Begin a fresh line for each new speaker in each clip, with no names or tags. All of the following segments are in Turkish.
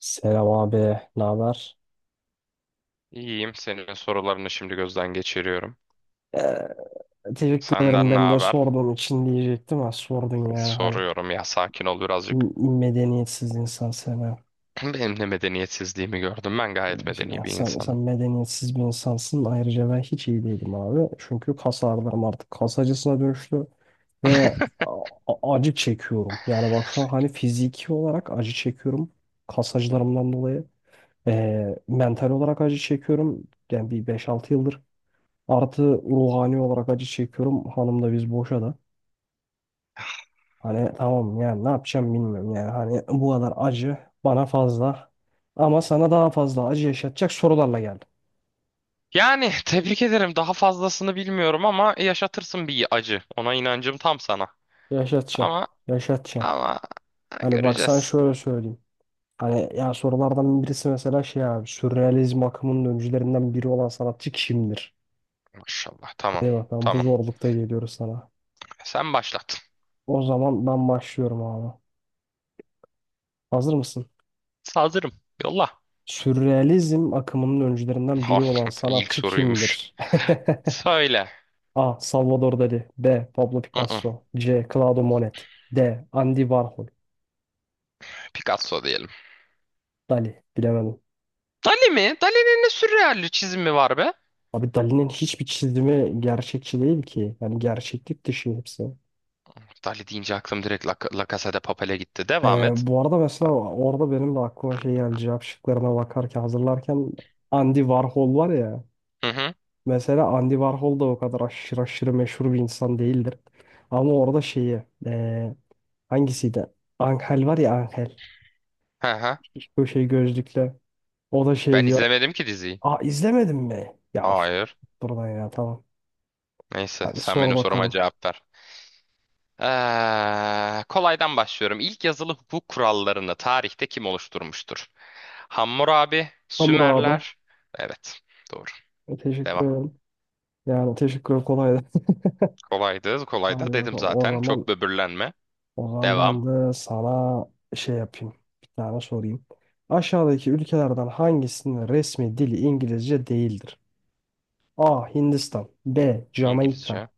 Selam abi, ne haber?
İyiyim. Senin sorularını şimdi gözden geçiriyorum.
Ee, teşekkür ederim
Senden ne
ben de
haber?
sorduğun için diyecektim ama sordun ya hani
Soruyorum ya sakin ol birazcık.
medeniyetsiz insan sana.
Benim de medeniyetsizliğimi gördüm. Ben gayet
Gerçekten
medeni bir
sen
insanım.
medeniyetsiz bir insansın. Ayrıca ben hiç iyi değilim abi. Çünkü kas ağrılarım artık kas acısına dönüştü ve acı çekiyorum. Yani bak şu an hani fiziki olarak acı çekiyorum kas acılarımdan dolayı. Mental olarak acı çekiyorum. Yani bir beş altı yıldır. Artı, ruhani olarak acı çekiyorum. Hanım da biz boşadı. Hani tamam yani ne yapacağım bilmiyorum yani. Hani bu kadar acı bana fazla. Ama sana daha fazla acı yaşatacak sorularla geldim.
Yani tebrik ederim. Daha fazlasını bilmiyorum ama yaşatırsın bir acı. Ona inancım tam sana.
Yaşatacağım.
Ama
Yaşatacağım.
ama ha,
Hani bak sana
göreceğiz.
şöyle söyleyeyim. Hani ya sorulardan birisi mesela şey abi. Sürrealizm akımının öncülerinden biri olan sanatçı kimdir?
Maşallah. Tamam.
Hadi bakalım bu
Tamam.
zorlukta geliyoruz sana.
Sen başlat.
O zaman ben başlıyorum abi. Hazır mısın?
Hazırım. Yolla.
Sürrealizm akımının öncülerinden biri olan
Hakikaten ilk
sanatçı
soruymuş.
kimdir?
Söyle.
A. Salvador Dali. B. Pablo
Hı hı.
Picasso. C. Claude Monet. D. Andy Warhol.
Picasso diyelim.
Dali bilemedim.
Dali mi? Dali'nin ne sürreal çizimi var be?
Abi Dali'nin hiçbir çizimi gerçekçi değil ki. Yani gerçeklik dışı hepsi.
Dali deyince aklım direkt La Casa de Papel'e gitti. Devam et.
Bu arada mesela orada benim de aklıma şey geldi. Cevap şıklarına bakarken hazırlarken Andy Warhol var ya.
Hı hı.
Mesela Andy Warhol da o kadar aşırı aşırı meşhur bir insan değildir. Ama orada şeyi, hangisiydi? Angel var ya Angel.
Hı hı.
Bu şey gözlüklü. O da şey
Ben
diyor.
izlemedim ki diziyi.
Aa, izlemedin mi? Ya of.
Hayır.
Buradan ya tamam.
Neyse
Hadi
sen
sor
benim soruma
bakalım.
cevap ver. Kolaydan başlıyorum. İlk yazılı hukuk kurallarını tarihte kim oluşturmuştur? Hammurabi,
Hamur abi.
Sümerler. Evet, doğru.
Teşekkür
Devam.
ederim. Yani teşekkür ederim, kolaydı.
Kolaydı, kolay da
Hadi
dedim
bakalım. O
zaten.
zaman
Çok böbürlenme. Devam.
ben de sana şey yapayım. Bir tane sorayım. Aşağıdaki ülkelerden hangisinin resmi dili İngilizce değildir? A. Hindistan. B. Jamaika.
İngilizce,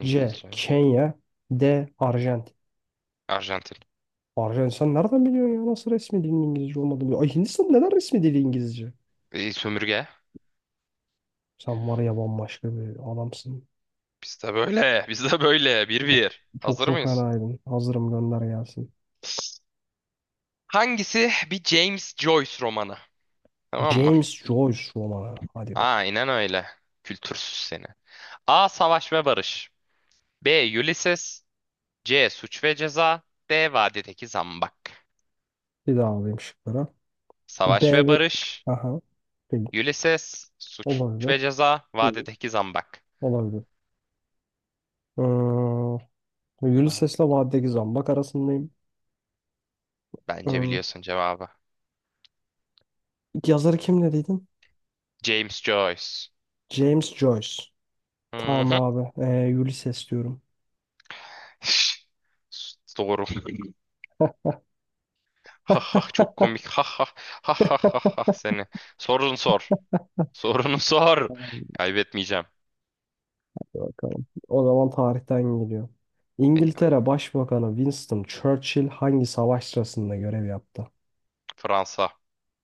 C. Kenya. D. Arjantin.
Arjantin.
Arjantin sen nereden biliyorsun ya? Nasıl resmi dilin İngilizce olmadığını biliyor. Ay Hindistan neden resmi dili İngilizce?
Sömürge.
Sen var ya bambaşka bir adamsın.
Biz de böyle. Bir
Çok
bir.
çok
Hazır
çok
mıyız?
fenaydın. Hazırım, gönder gelsin.
Hangisi bir James Joyce romanı? Tamam mı?
James Joyce romanı. Hadi bakalım.
Aynen öyle. Kültürsüz seni. A. Savaş ve Barış. B. Ulysses. C. Suç ve Ceza. D. Vadideki Zambak.
Bir daha alayım şıkları.
Savaş
B
ve
ve...
Barış.
Aha. Değil.
Ulysses. Suç
Olabilir.
ve Ceza.
Değil.
Vadideki Zambak.
Olabilir. Ee,
Ba-
Ulysses'le Vadideki Zambak arasındayım.
Bence
Ee,
biliyorsun cevabı.
yazarı kim dediydin?
James Joyce.
James Joyce.
Hı
Tamam
hı.
abi. Ulysses diyorum.
Doğru. Ha ha çok komik. Ha ha ha ha ha ha seni. Sorun sor. Sorunu sor. Kaybetmeyeceğim.
Bakalım. O zaman tarihten geliyor.
Eyvah.
İngiltere Başbakanı Winston Churchill hangi savaş sırasında görev yaptı?
Fransa.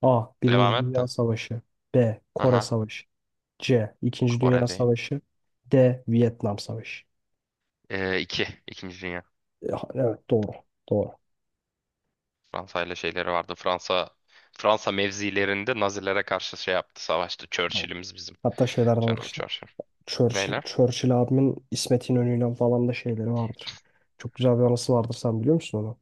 A.
Devam
Birinci
et
Dünya
de.
Savaşı. B. Kore
Aha.
Savaşı. C. İkinci
Kore
Dünya
değil.
Savaşı. D. Vietnam Savaşı.
İki. İkinci Dünya.
Ya, evet doğru. Doğru.
Fransa ile şeyleri vardı. Fransa mevzilerinde Nazilere karşı şey yaptı. Savaştı.
Tamam.
Churchill'imiz bizim.
Hatta şeyler de var
Canım
işte.
Churchill.
Churchill,
Neyle?
Churchill abimin İsmet İnönü'yle falan da şeyleri vardır. Çok güzel bir anısı vardır, sen biliyor musun onu?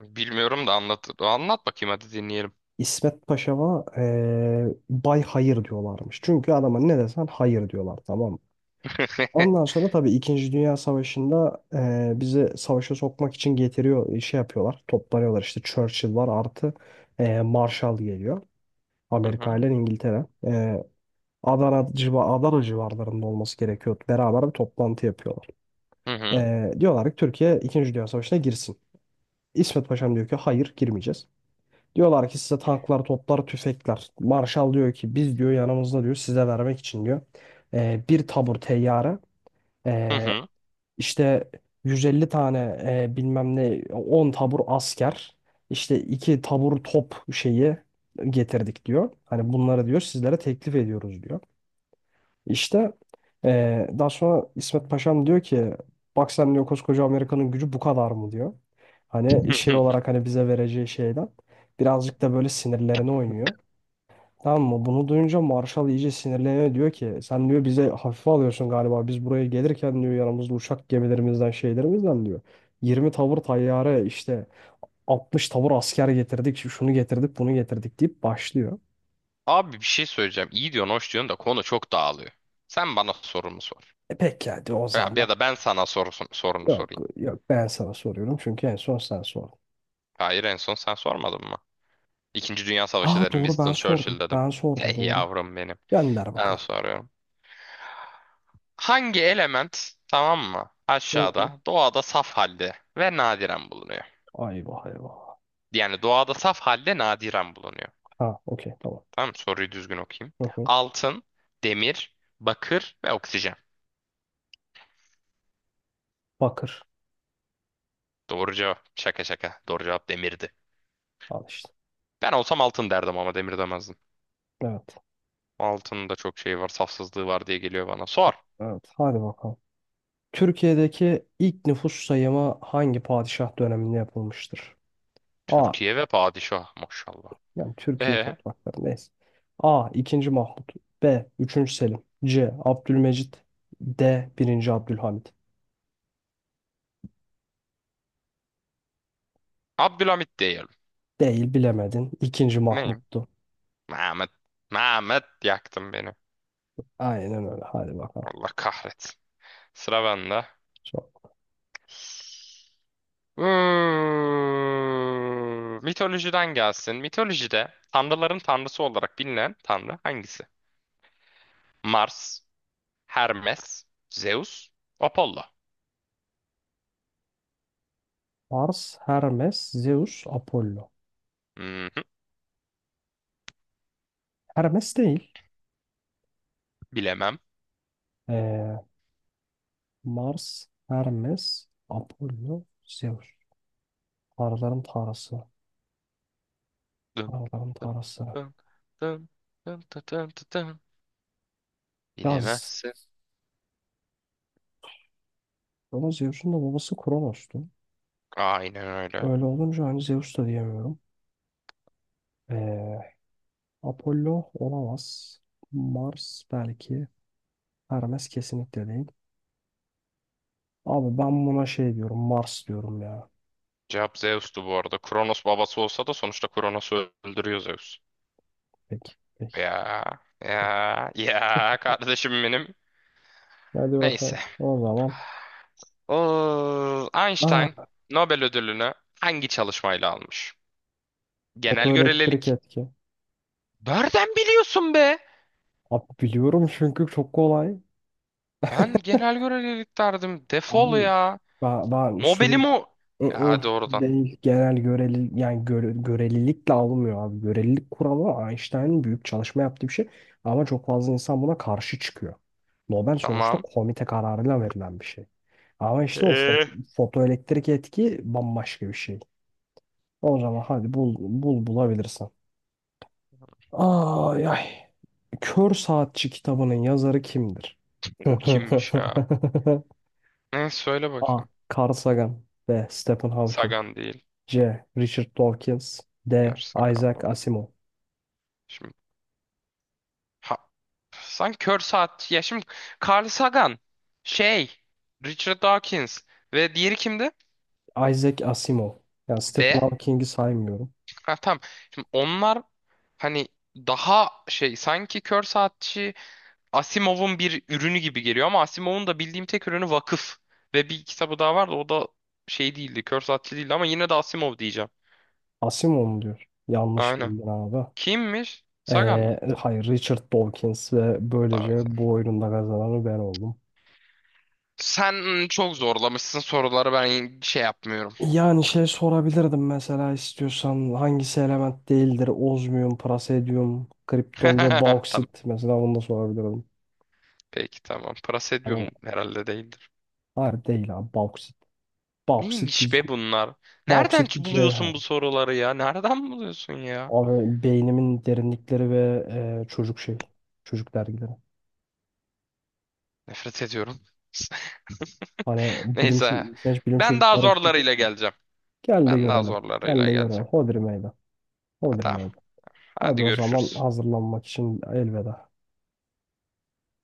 Bilmiyorum da anlat. Anlat bakayım hadi dinleyelim.
İsmet Paşa'ma Bay Hayır diyorlarmış. Çünkü adama ne desen hayır diyorlar, tamam. Ondan sonra tabii İkinci Dünya Savaşı'nda bizi savaşa sokmak için getiriyor, şey yapıyorlar, toplanıyorlar. İşte Churchill var, artı Marshall geliyor.
Hı
Amerika
hı.
ile İngiltere. Adana civarlarında olması gerekiyor. Beraber bir toplantı yapıyorlar.
Hı hı.
Diyorlar ki Türkiye İkinci Dünya Savaşı'na girsin. İsmet Paşam diyor ki hayır girmeyeceğiz. Diyorlar ki size tanklar, toplar, tüfekler. Marshall diyor ki biz diyor yanımızda diyor size vermek için diyor bir tabur teyyare,
Hı hı.
İşte 150 tane, bilmem ne, 10 tabur asker, işte 2 tabur top şeyi getirdik diyor. Hani bunları diyor sizlere teklif ediyoruz diyor. İşte daha sonra İsmet Paşam diyor ki bak sen diyor koskoca Amerika'nın gücü bu kadar mı diyor. Hani şey olarak hani bize vereceği şeyden birazcık da böyle sinirlerine oynuyor. Tamam mı? Bunu duyunca Marshall iyice sinirleniyor. Diyor ki sen diyor bize hafife alıyorsun galiba. Biz buraya gelirken diyor yanımızda uçak gemilerimizden şeylerimizden diyor. 20 tavır tayyare, işte 60 tavır asker getirdik. Şunu getirdik, bunu getirdik deyip başlıyor.
Abi bir şey söyleyeceğim. İyi diyorsun, hoş diyorsun da konu çok dağılıyor. Sen bana sorumu sor.
E peki diyor o
Ya, ya
zaman.
da ben sana sorunu
Yok
sorayım.
yok ben sana soruyorum çünkü en son sen sordun.
Hayır en son sen sormadın mı? İkinci Dünya Savaşı
Aa
dedim.
doğru, ben
Winston
sordum.
Churchill dedim.
Ben sordum,
Hey
doğru.
yavrum benim.
Gönder
Ben
bakalım.
soruyorum. Hangi element tamam mı?
Hı hı.
Aşağıda doğada saf halde ve nadiren bulunuyor.
Ayvah, eyvah.
Yani doğada saf halde nadiren bulunuyor.
Ha, okey, tamam.
Tamam mı? Soruyu düzgün okuyayım.
Hı hı.
Altın, demir, bakır ve oksijen.
Bakır.
Doğru cevap. Şaka şaka. Doğru cevap demirdi.
Al işte.
Ben olsam altın derdim ama demir demezdim.
Evet.
Altının da çok şeyi var, safsızlığı var diye geliyor bana. Sor.
Evet. Hadi bakalım. Türkiye'deki ilk nüfus sayımı hangi padişah döneminde yapılmıştır? A.
Türkiye ve padişah maşallah.
Yani Türkiye
Ee,
toprakları neyse. A. 2. Mahmut. B. Üçüncü Selim. C. Abdülmecit. D. Birinci Abdülhamit.
Abdülhamit diyelim.
Değil, bilemedin. 2.
Ne?
Mahmut'tu.
Mehmet. Mehmet yaktın beni.
Aynen öyle. Hadi bakalım.
Allah kahretsin. Sıra bende.
Sor.
Hmm, mitolojiden gelsin. Mitolojide tanrıların tanrısı olarak bilinen tanrı hangisi? Mars, Hermes, Zeus, Apollo.
Mars, Hermes, Zeus, Apollo.
Hı hı,
Hermes değil.
bilemem.
Ee, Mars, Hermes, Apollo, Zeus. Tanrıların tanrısı.
Dın,
Tanrıların
dın,
tanrısı.
dın, dın, dın, dın, dın, dın.
Yaz.
Bilemezsin.
Ama Zeus'un da babası Kronos'tu.
Aynen öyle.
Öyle olunca hani Zeus da diyemiyorum. Ee, Apollo olamaz. Mars belki. Hermes kesinlikle değil. Abi ben buna şey diyorum. Mars diyorum ya.
Cevap Zeus'tu bu arada. Kronos babası olsa da sonuçta Kronos'u öldürüyor Zeus.
Peki. Peki.
Ya
Peki.
ya ya kardeşim benim.
Hadi bakalım.
Neyse.
O zaman.
O Einstein
Aa,
Nobel ödülünü hangi çalışmayla almış? Genel
fotoelektrik
görelilik.
etki.
Nereden biliyorsun be?
Abi biliyorum çünkü çok kolay.
Ben genel görelilik derdim. Defol
Abi
ya.
ben
Nobel'im
sürekli.
o. Ya
Mm-mm,
doğrudan.
değil. Genel göreli, yani göre, görelilikle alınmıyor abi. Görelilik kuralı Einstein'ın büyük çalışma yaptığı bir şey. Ama çok fazla insan buna karşı çıkıyor. Nobel sonuçta
Tamam.
komite kararıyla verilen bir şey. Ama işte o
Ee?
fotoelektrik etki bambaşka bir şey. O zaman hadi bulabilirsen. Ay ay. Kör Saatçi kitabının yazarı kimdir?
O kimmiş ya? Neyse söyle
A.
bakayım.
Carl Sagan. B. Stephen Hawking.
Sagan değil.
C. Richard Dawkins. D.
Gerçi Sagan
Isaac
da.
Asimov.
Şimdi ha, sen kör saat. Ya şimdi Carl Sagan, şey, Richard Dawkins ve diğeri kimdi?
Isaac Asimov. Yani Stephen
Ve
Hawking'i saymıyorum.
ha, tamam. Şimdi onlar hani daha şey sanki kör saatçi Asimov'un bir ürünü gibi geliyor ama Asimov'un da bildiğim tek ürünü Vakıf ve bir kitabı daha vardı o da şey değildi kör saatçi değildi ama yine de Asimov diyeceğim.
Asimov mu diyor? Yanlış
Aynen.
bildin abi.
Kimmiş? Sagan mı?
Hayır, Richard Dawkins ve
Tamam.
böylece bu oyunun da kazananı ben oldum.
Sen çok zorlamışsın soruları ben şey yapmıyorum.
Yani şey sorabilirdim mesela, istiyorsan hangisi element değildir? Ozmiyum, prasedyum, kripton ve
Tamam.
bauksit. Mesela bunu da sorabilirdim.
Peki tamam.
Hani
Praseodyum herhalde değildir.
hayır değil abi, bauksit. Bauksit
Neymiş
bir
be bunlar? Nereden
bauksit bir cevher.
buluyorsun bu soruları ya? Nereden buluyorsun ya?
Abi beynimin derinlikleri ve çocuk şey. Çocuk dergileri.
Nefret ediyorum.
Hani bilim
Neyse.
sen hiç bilim
Ben
çocuk
daha
dergisi
zorlarıyla
okudun mu?
geleceğim.
Gel de
Ben daha
görelim. Gel
zorlarıyla
de görelim.
geleceğim.
Hodri meydan.
Ha,
Hodri
tamam.
meydan. Hadi
Hadi
o zaman,
görüşürüz.
hazırlanmak için elveda.